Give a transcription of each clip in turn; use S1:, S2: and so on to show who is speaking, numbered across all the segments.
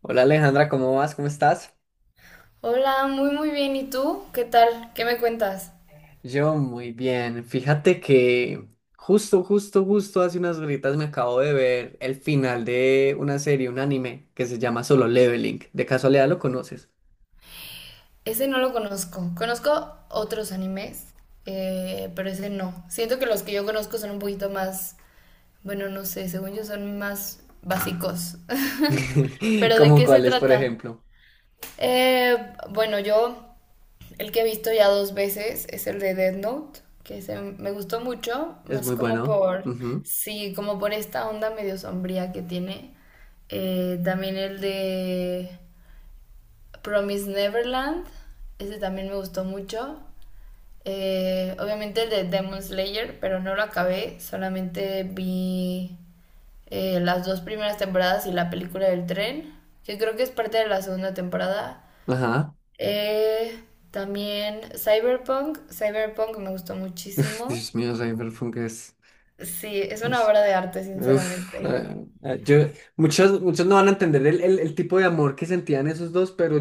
S1: Hola Alejandra, ¿cómo vas? ¿Cómo estás?
S2: Hola, muy muy bien. ¿Y tú? ¿Qué tal? ¿Qué me cuentas?
S1: Yo muy bien. Fíjate que justo hace unas gritas me acabo de ver el final de una serie, un anime que se llama Solo Leveling. ¿De casualidad lo conoces?
S2: Ese no lo conozco. Conozco otros animes, pero ese no. Siento que los que yo conozco son un poquito más, bueno, no sé, según yo son más básicos. ¿Pero de
S1: ¿Como
S2: qué se
S1: cuáles, por
S2: trata?
S1: ejemplo?
S2: Eh, bueno, yo el que he visto ya dos veces es el de Death Note, que se me gustó mucho,
S1: Es
S2: más
S1: muy
S2: como
S1: bueno.
S2: por,
S1: Ujú.
S2: sí, como por esta onda medio sombría que tiene. También el de Promise Neverland, ese también me gustó mucho. Obviamente el de Demon Slayer, pero no lo acabé, solamente vi las dos primeras temporadas y la película del tren, que creo que es parte de la segunda temporada.
S1: Ajá.
S2: Eh, también Cyberpunk, Cyberpunk me gustó
S1: Uf,
S2: muchísimo.
S1: Dios mío, Cyberpunk es...
S2: Sí, es una
S1: es-
S2: obra de arte,
S1: Uf,
S2: sinceramente.
S1: muchos no van a entender el tipo de amor que sentían esos dos, pero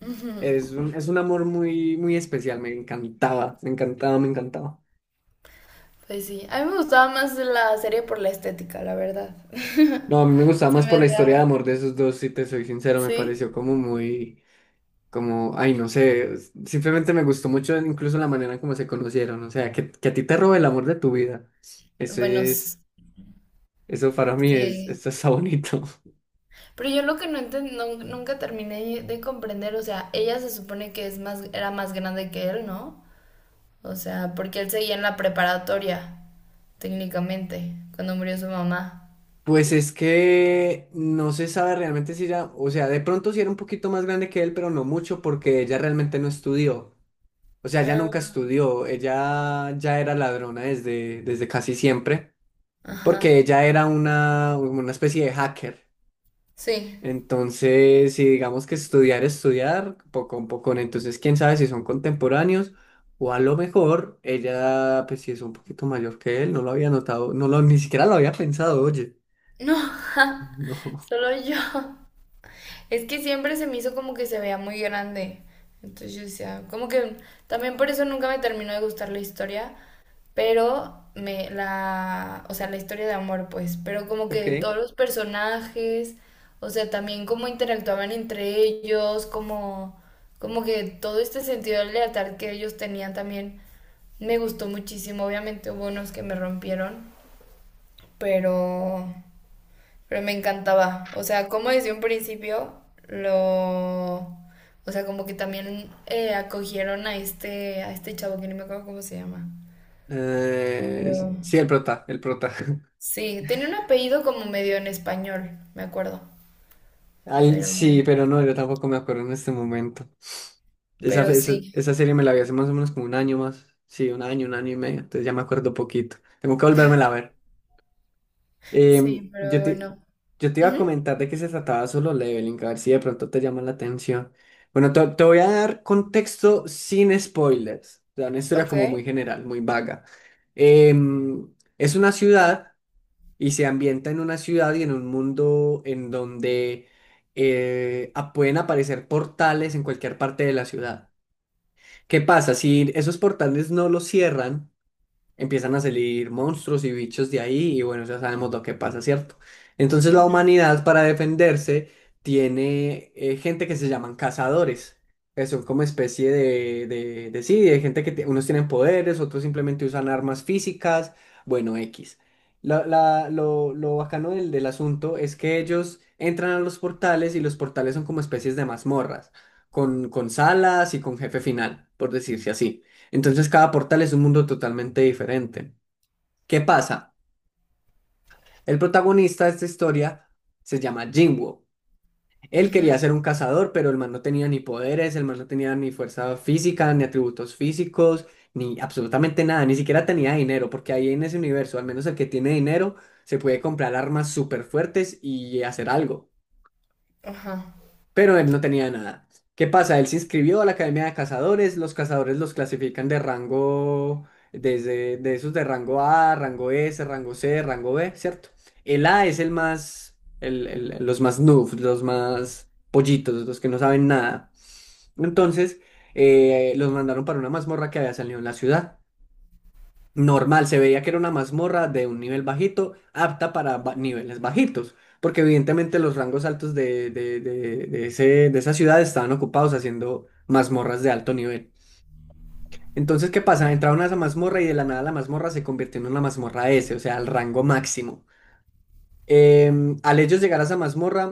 S2: Ujú.
S1: es un, es un amor muy, muy especial, me encantaba, me encantaba, me encantaba.
S2: Pues sí, a mí me gustaba más la serie por la estética, la verdad.
S1: No, a mí me gustaba
S2: Se
S1: más
S2: me
S1: por la historia de
S2: hacía...
S1: amor de esos dos, si te soy sincero, me
S2: ¿Sí?
S1: pareció como muy, como, ay, no sé, simplemente me gustó mucho incluso la manera en cómo se conocieron, o sea, que a ti te robe el amor de tu vida. Eso
S2: Bueno,
S1: es, eso para mí es,
S2: sí.
S1: esto está bonito.
S2: Pero yo lo que nunca terminé de comprender, o sea, ella se supone que es más, era más grande que él, ¿no? O sea, porque él seguía en la preparatoria, técnicamente, cuando murió su mamá.
S1: Pues es que no se sabe realmente si ella, o sea, de pronto sí era un poquito más grande que él, pero no mucho porque ella realmente no estudió. O sea, ella nunca
S2: Ah,
S1: estudió, ella ya era ladrona desde casi siempre, porque
S2: ajá.
S1: ella era una especie de hacker.
S2: Sí.
S1: Entonces, si digamos que poco a poco, entonces quién sabe si son contemporáneos o a lo mejor ella, pues si es un poquito mayor que él, no lo había notado, no lo, ni siquiera lo había pensado, oye.
S2: No, ja,
S1: No,
S2: solo yo. Es que siempre se me hizo como que se veía muy grande. Entonces yo decía, como que también por eso nunca me terminó de gustar la historia, pero me la, o sea, la historia de amor, pues, pero como
S1: ok.
S2: que todos los personajes, o sea, también cómo interactuaban entre ellos, como que todo este sentido de lealtad que ellos tenían también me gustó muchísimo. Obviamente hubo unos que me rompieron, pero me encantaba. O sea, como desde un principio lo... O sea, como que también acogieron a este chavo que no me acuerdo cómo se llama.
S1: Eh,
S2: Pero...
S1: sí, el prota.
S2: Sí, tenía un apellido como medio en español, me acuerdo. Pero...
S1: Sí, pero no, yo tampoco me acuerdo en este momento.
S2: Pero sí.
S1: Esa serie me la vi hace más o menos como un año más. Sí, un año y medio. Entonces ya me acuerdo poquito. Tengo que volvérmela a ver. Em,
S2: Sí,
S1: yo
S2: pero
S1: te,
S2: bueno.
S1: yo te iba a
S2: Ujú.
S1: comentar de qué se trataba Solo Leveling, a ver si de pronto te llama la atención. Bueno, te voy a dar contexto sin spoilers. O sea, una historia
S2: Ok.
S1: como muy general, muy vaga. Es una ciudad y se ambienta en una ciudad y en un mundo en donde pueden aparecer portales en cualquier parte de la ciudad. ¿Qué pasa? Si esos portales no los cierran, empiezan a salir monstruos y bichos de ahí y bueno, ya sabemos lo que pasa, ¿cierto? Entonces la
S2: Ujú,
S1: humanidad para defenderse tiene gente que se llaman cazadores, que son como especie de sí, de gente que unos tienen poderes, otros simplemente usan armas físicas, bueno, X. Lo bacano del asunto es que ellos entran a los portales y los portales son como especies de mazmorras, con salas y con jefe final, por decirse así. Entonces cada portal es un mundo totalmente diferente. ¿Qué pasa? El protagonista de esta historia se llama Jinwoo. Él quería
S2: ujú.
S1: ser un cazador, pero el man no tenía ni poderes, el man no tenía ni fuerza física, ni atributos físicos, ni absolutamente nada, ni siquiera tenía dinero, porque ahí en ese universo, al menos el que tiene dinero, se puede comprar armas súper fuertes y hacer algo.
S2: Ajá.
S1: Pero él no tenía nada. ¿Qué pasa? Él se inscribió a la Academia de cazadores los clasifican de rango, desde de esos de rango A, rango S, rango C, rango B, ¿cierto? El A es el más, los más noobs, los más pollitos, los que no saben nada. Entonces, los mandaron para una mazmorra que había salido en la ciudad. Normal, se veía que era una mazmorra de un nivel bajito, apta para niveles bajitos, porque evidentemente los rangos altos de ese, de esa ciudad estaban ocupados haciendo mazmorras de alto nivel. Entonces, ¿qué pasa?
S2: Ok.
S1: Entraron a esa mazmorra y de la nada la mazmorra se convirtió en una mazmorra S, o sea, al rango máximo. Al ellos llegar a esa mazmorra,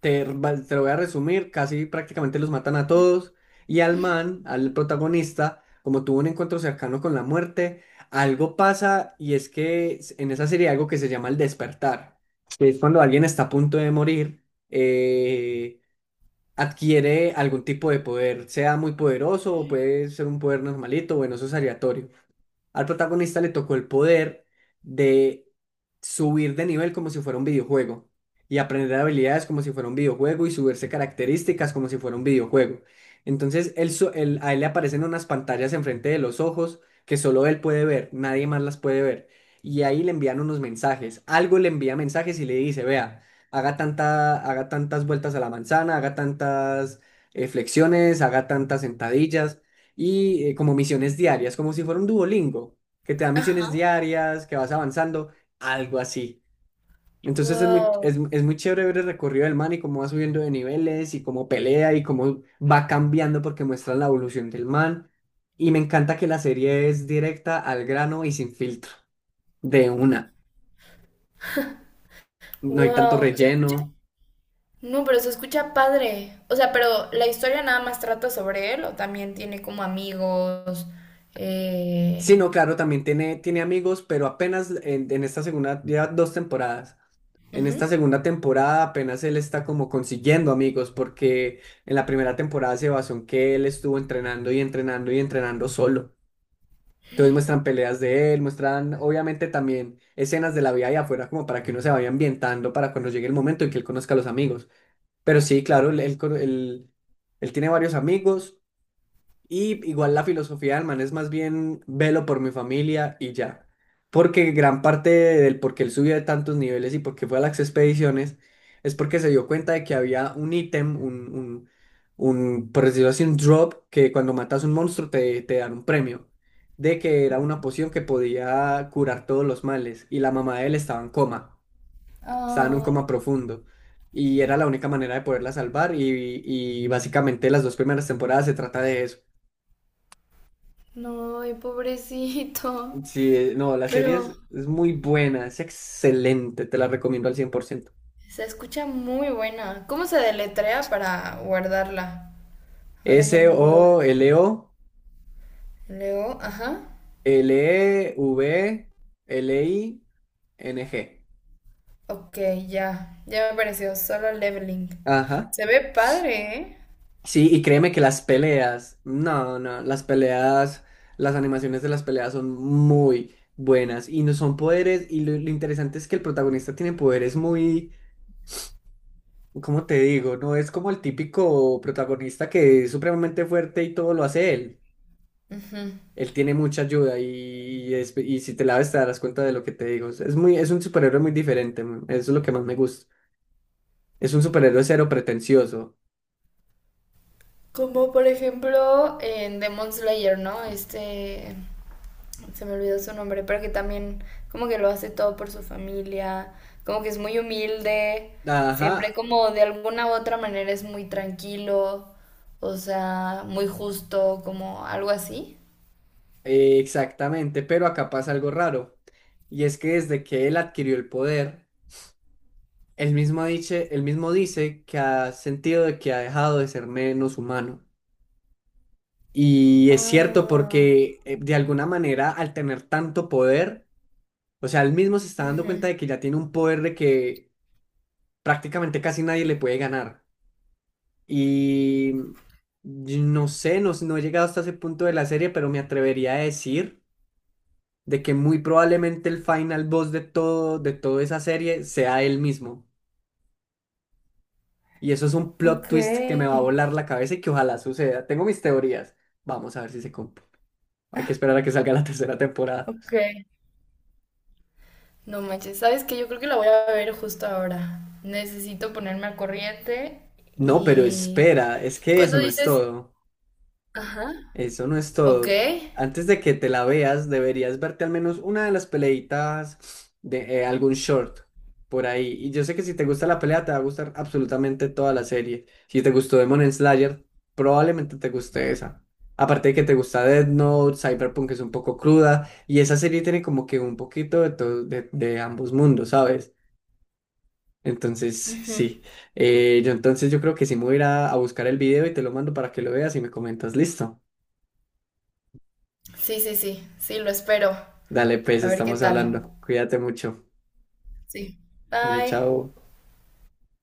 S1: Te lo voy a resumir, casi prácticamente los matan a todos y al man, al protagonista, como tuvo un encuentro cercano con la muerte, algo pasa y es que en esa serie hay algo que se llama el despertar, que es cuando alguien está a punto de morir, eh, adquiere algún tipo de poder, sea muy poderoso o puede ser un poder normalito, bueno, eso es aleatorio. Al protagonista le tocó el poder de subir de nivel como si fuera un videojuego y aprender habilidades como si fuera un videojuego y subirse características como si fuera un videojuego. Entonces, a él le aparecen unas pantallas enfrente de los ojos que solo él puede ver, nadie más las puede ver. Y ahí le envían unos mensajes. Algo le envía mensajes y le dice, vea, haga tantas vueltas a la manzana, haga tantas flexiones, haga tantas sentadillas y como misiones diarias, como si fuera un Duolingo, que te da misiones
S2: Ajá.
S1: diarias, que vas avanzando algo así. Entonces
S2: Wow.
S1: es muy chévere ver el recorrido del man y cómo va subiendo de niveles y cómo pelea y cómo va cambiando porque muestra la evolución del man. Y me encanta que la serie es directa al grano y sin filtro, de una. No hay tanto
S2: Wow. ¿Se escucha?
S1: relleno.
S2: No, pero se escucha padre. O sea, pero la historia nada más trata sobre él o también tiene como amigos.
S1: Sí,
S2: Eh...
S1: no, claro, también tiene, tiene amigos, pero apenas en esta segunda, ya dos temporadas. En esta
S2: Ujú.
S1: segunda temporada apenas él está como consiguiendo amigos porque en la primera temporada se basó en que él estuvo entrenando y entrenando y entrenando solo. Entonces muestran peleas de él, muestran obviamente también escenas de la vida allá afuera como para que uno se vaya ambientando para cuando llegue el momento en que él conozca a los amigos. Pero sí, claro, él tiene varios amigos y igual la filosofía del man es más bien velo por mi familia y ya. Porque gran parte del por qué él subió de tantos niveles y por qué fue a las expediciones es porque se dio cuenta de que había un ítem, por decirlo así, un drop, que cuando matas un monstruo te dan un premio. De que era una poción que podía curar todos los males. Y la mamá de él estaba en coma, estaba en un
S2: Ay,
S1: coma profundo. Y era la única manera de poderla salvar. Y básicamente las dos primeras temporadas se trata de eso.
S2: no, ay, pobrecito.
S1: Sí, no,
S2: Pero
S1: es muy buena, es excelente, te la recomiendo al 100%.
S2: se escucha muy buena. ¿Cómo se deletrea para guardarla? Ahora ya me leo. Leo, ajá.
S1: Sololevling.
S2: Ok, ya. Ya me apareció. Solo leveling.
S1: Ajá.
S2: Se ve padre, ¿eh?
S1: Sí, y créeme que las peleas, no, no, las peleas, las animaciones de las peleas son muy buenas y no son poderes y lo interesante es que el protagonista tiene poderes muy, ¿cómo te digo? No es como el típico protagonista que es supremamente fuerte y todo lo hace él.
S2: Ujú.
S1: Él tiene mucha ayuda y, y si te la ves te darás cuenta de lo que te digo. Es un superhéroe muy diferente, eso es lo que más me gusta. Es un superhéroe cero pretencioso.
S2: Como por ejemplo en Demon Slayer, ¿no? Este, se me olvidó su nombre, pero que también como que lo hace todo por su familia, como que es muy humilde, siempre
S1: Ajá,
S2: como de alguna u otra manera es muy tranquilo, o sea, muy justo, como algo así.
S1: exactamente, pero acá pasa algo raro. Y es que desde que él adquirió el poder, él mismo dice que ha sentido de que ha dejado de ser menos humano. Y es cierto
S2: Ah.
S1: porque de alguna manera al tener tanto poder, o sea, él mismo se está dando cuenta
S2: Ujú.
S1: de que ya tiene un poder de que prácticamente casi nadie le puede ganar. Y yo no sé, no he llegado hasta ese punto de la serie, pero me atrevería a decir de que muy probablemente el final boss de todo, de toda esa serie sea él mismo. Y eso es un plot
S2: Ok,
S1: twist que me va a volar la cabeza y que ojalá suceda. Tengo mis teorías. Vamos a ver si se cumple. Hay que esperar a que salga la tercera temporada.
S2: ok. No manches, ¿sabes qué? Yo creo que la voy a ver justo ahora. Necesito ponerme al corriente
S1: No, pero
S2: y...
S1: espera, es que eso
S2: Cuando
S1: no es
S2: dices...
S1: todo.
S2: Ajá.
S1: Eso no es
S2: Ok.
S1: todo. Antes de que te la veas, deberías verte al menos una de las peleitas de algún short por ahí. Y yo sé que si te gusta la pelea, te va a gustar absolutamente toda la serie. Si te gustó Demon Slayer, probablemente te guste esa. Aparte de que te gusta Death Note, Cyberpunk es un poco cruda. Y esa serie tiene como que un poquito de, de ambos mundos, ¿sabes? Entonces,
S2: Ujú.
S1: sí. Yo creo que sí me voy a ir a buscar el video y te lo mando para que lo veas y me comentas, listo.
S2: Sí, sí, sí. Sí, lo espero.
S1: Dale, pues,
S2: A ver qué
S1: estamos
S2: tal.
S1: hablando. Cuídate mucho.
S2: Sí.
S1: Dale,
S2: Bye.
S1: chao.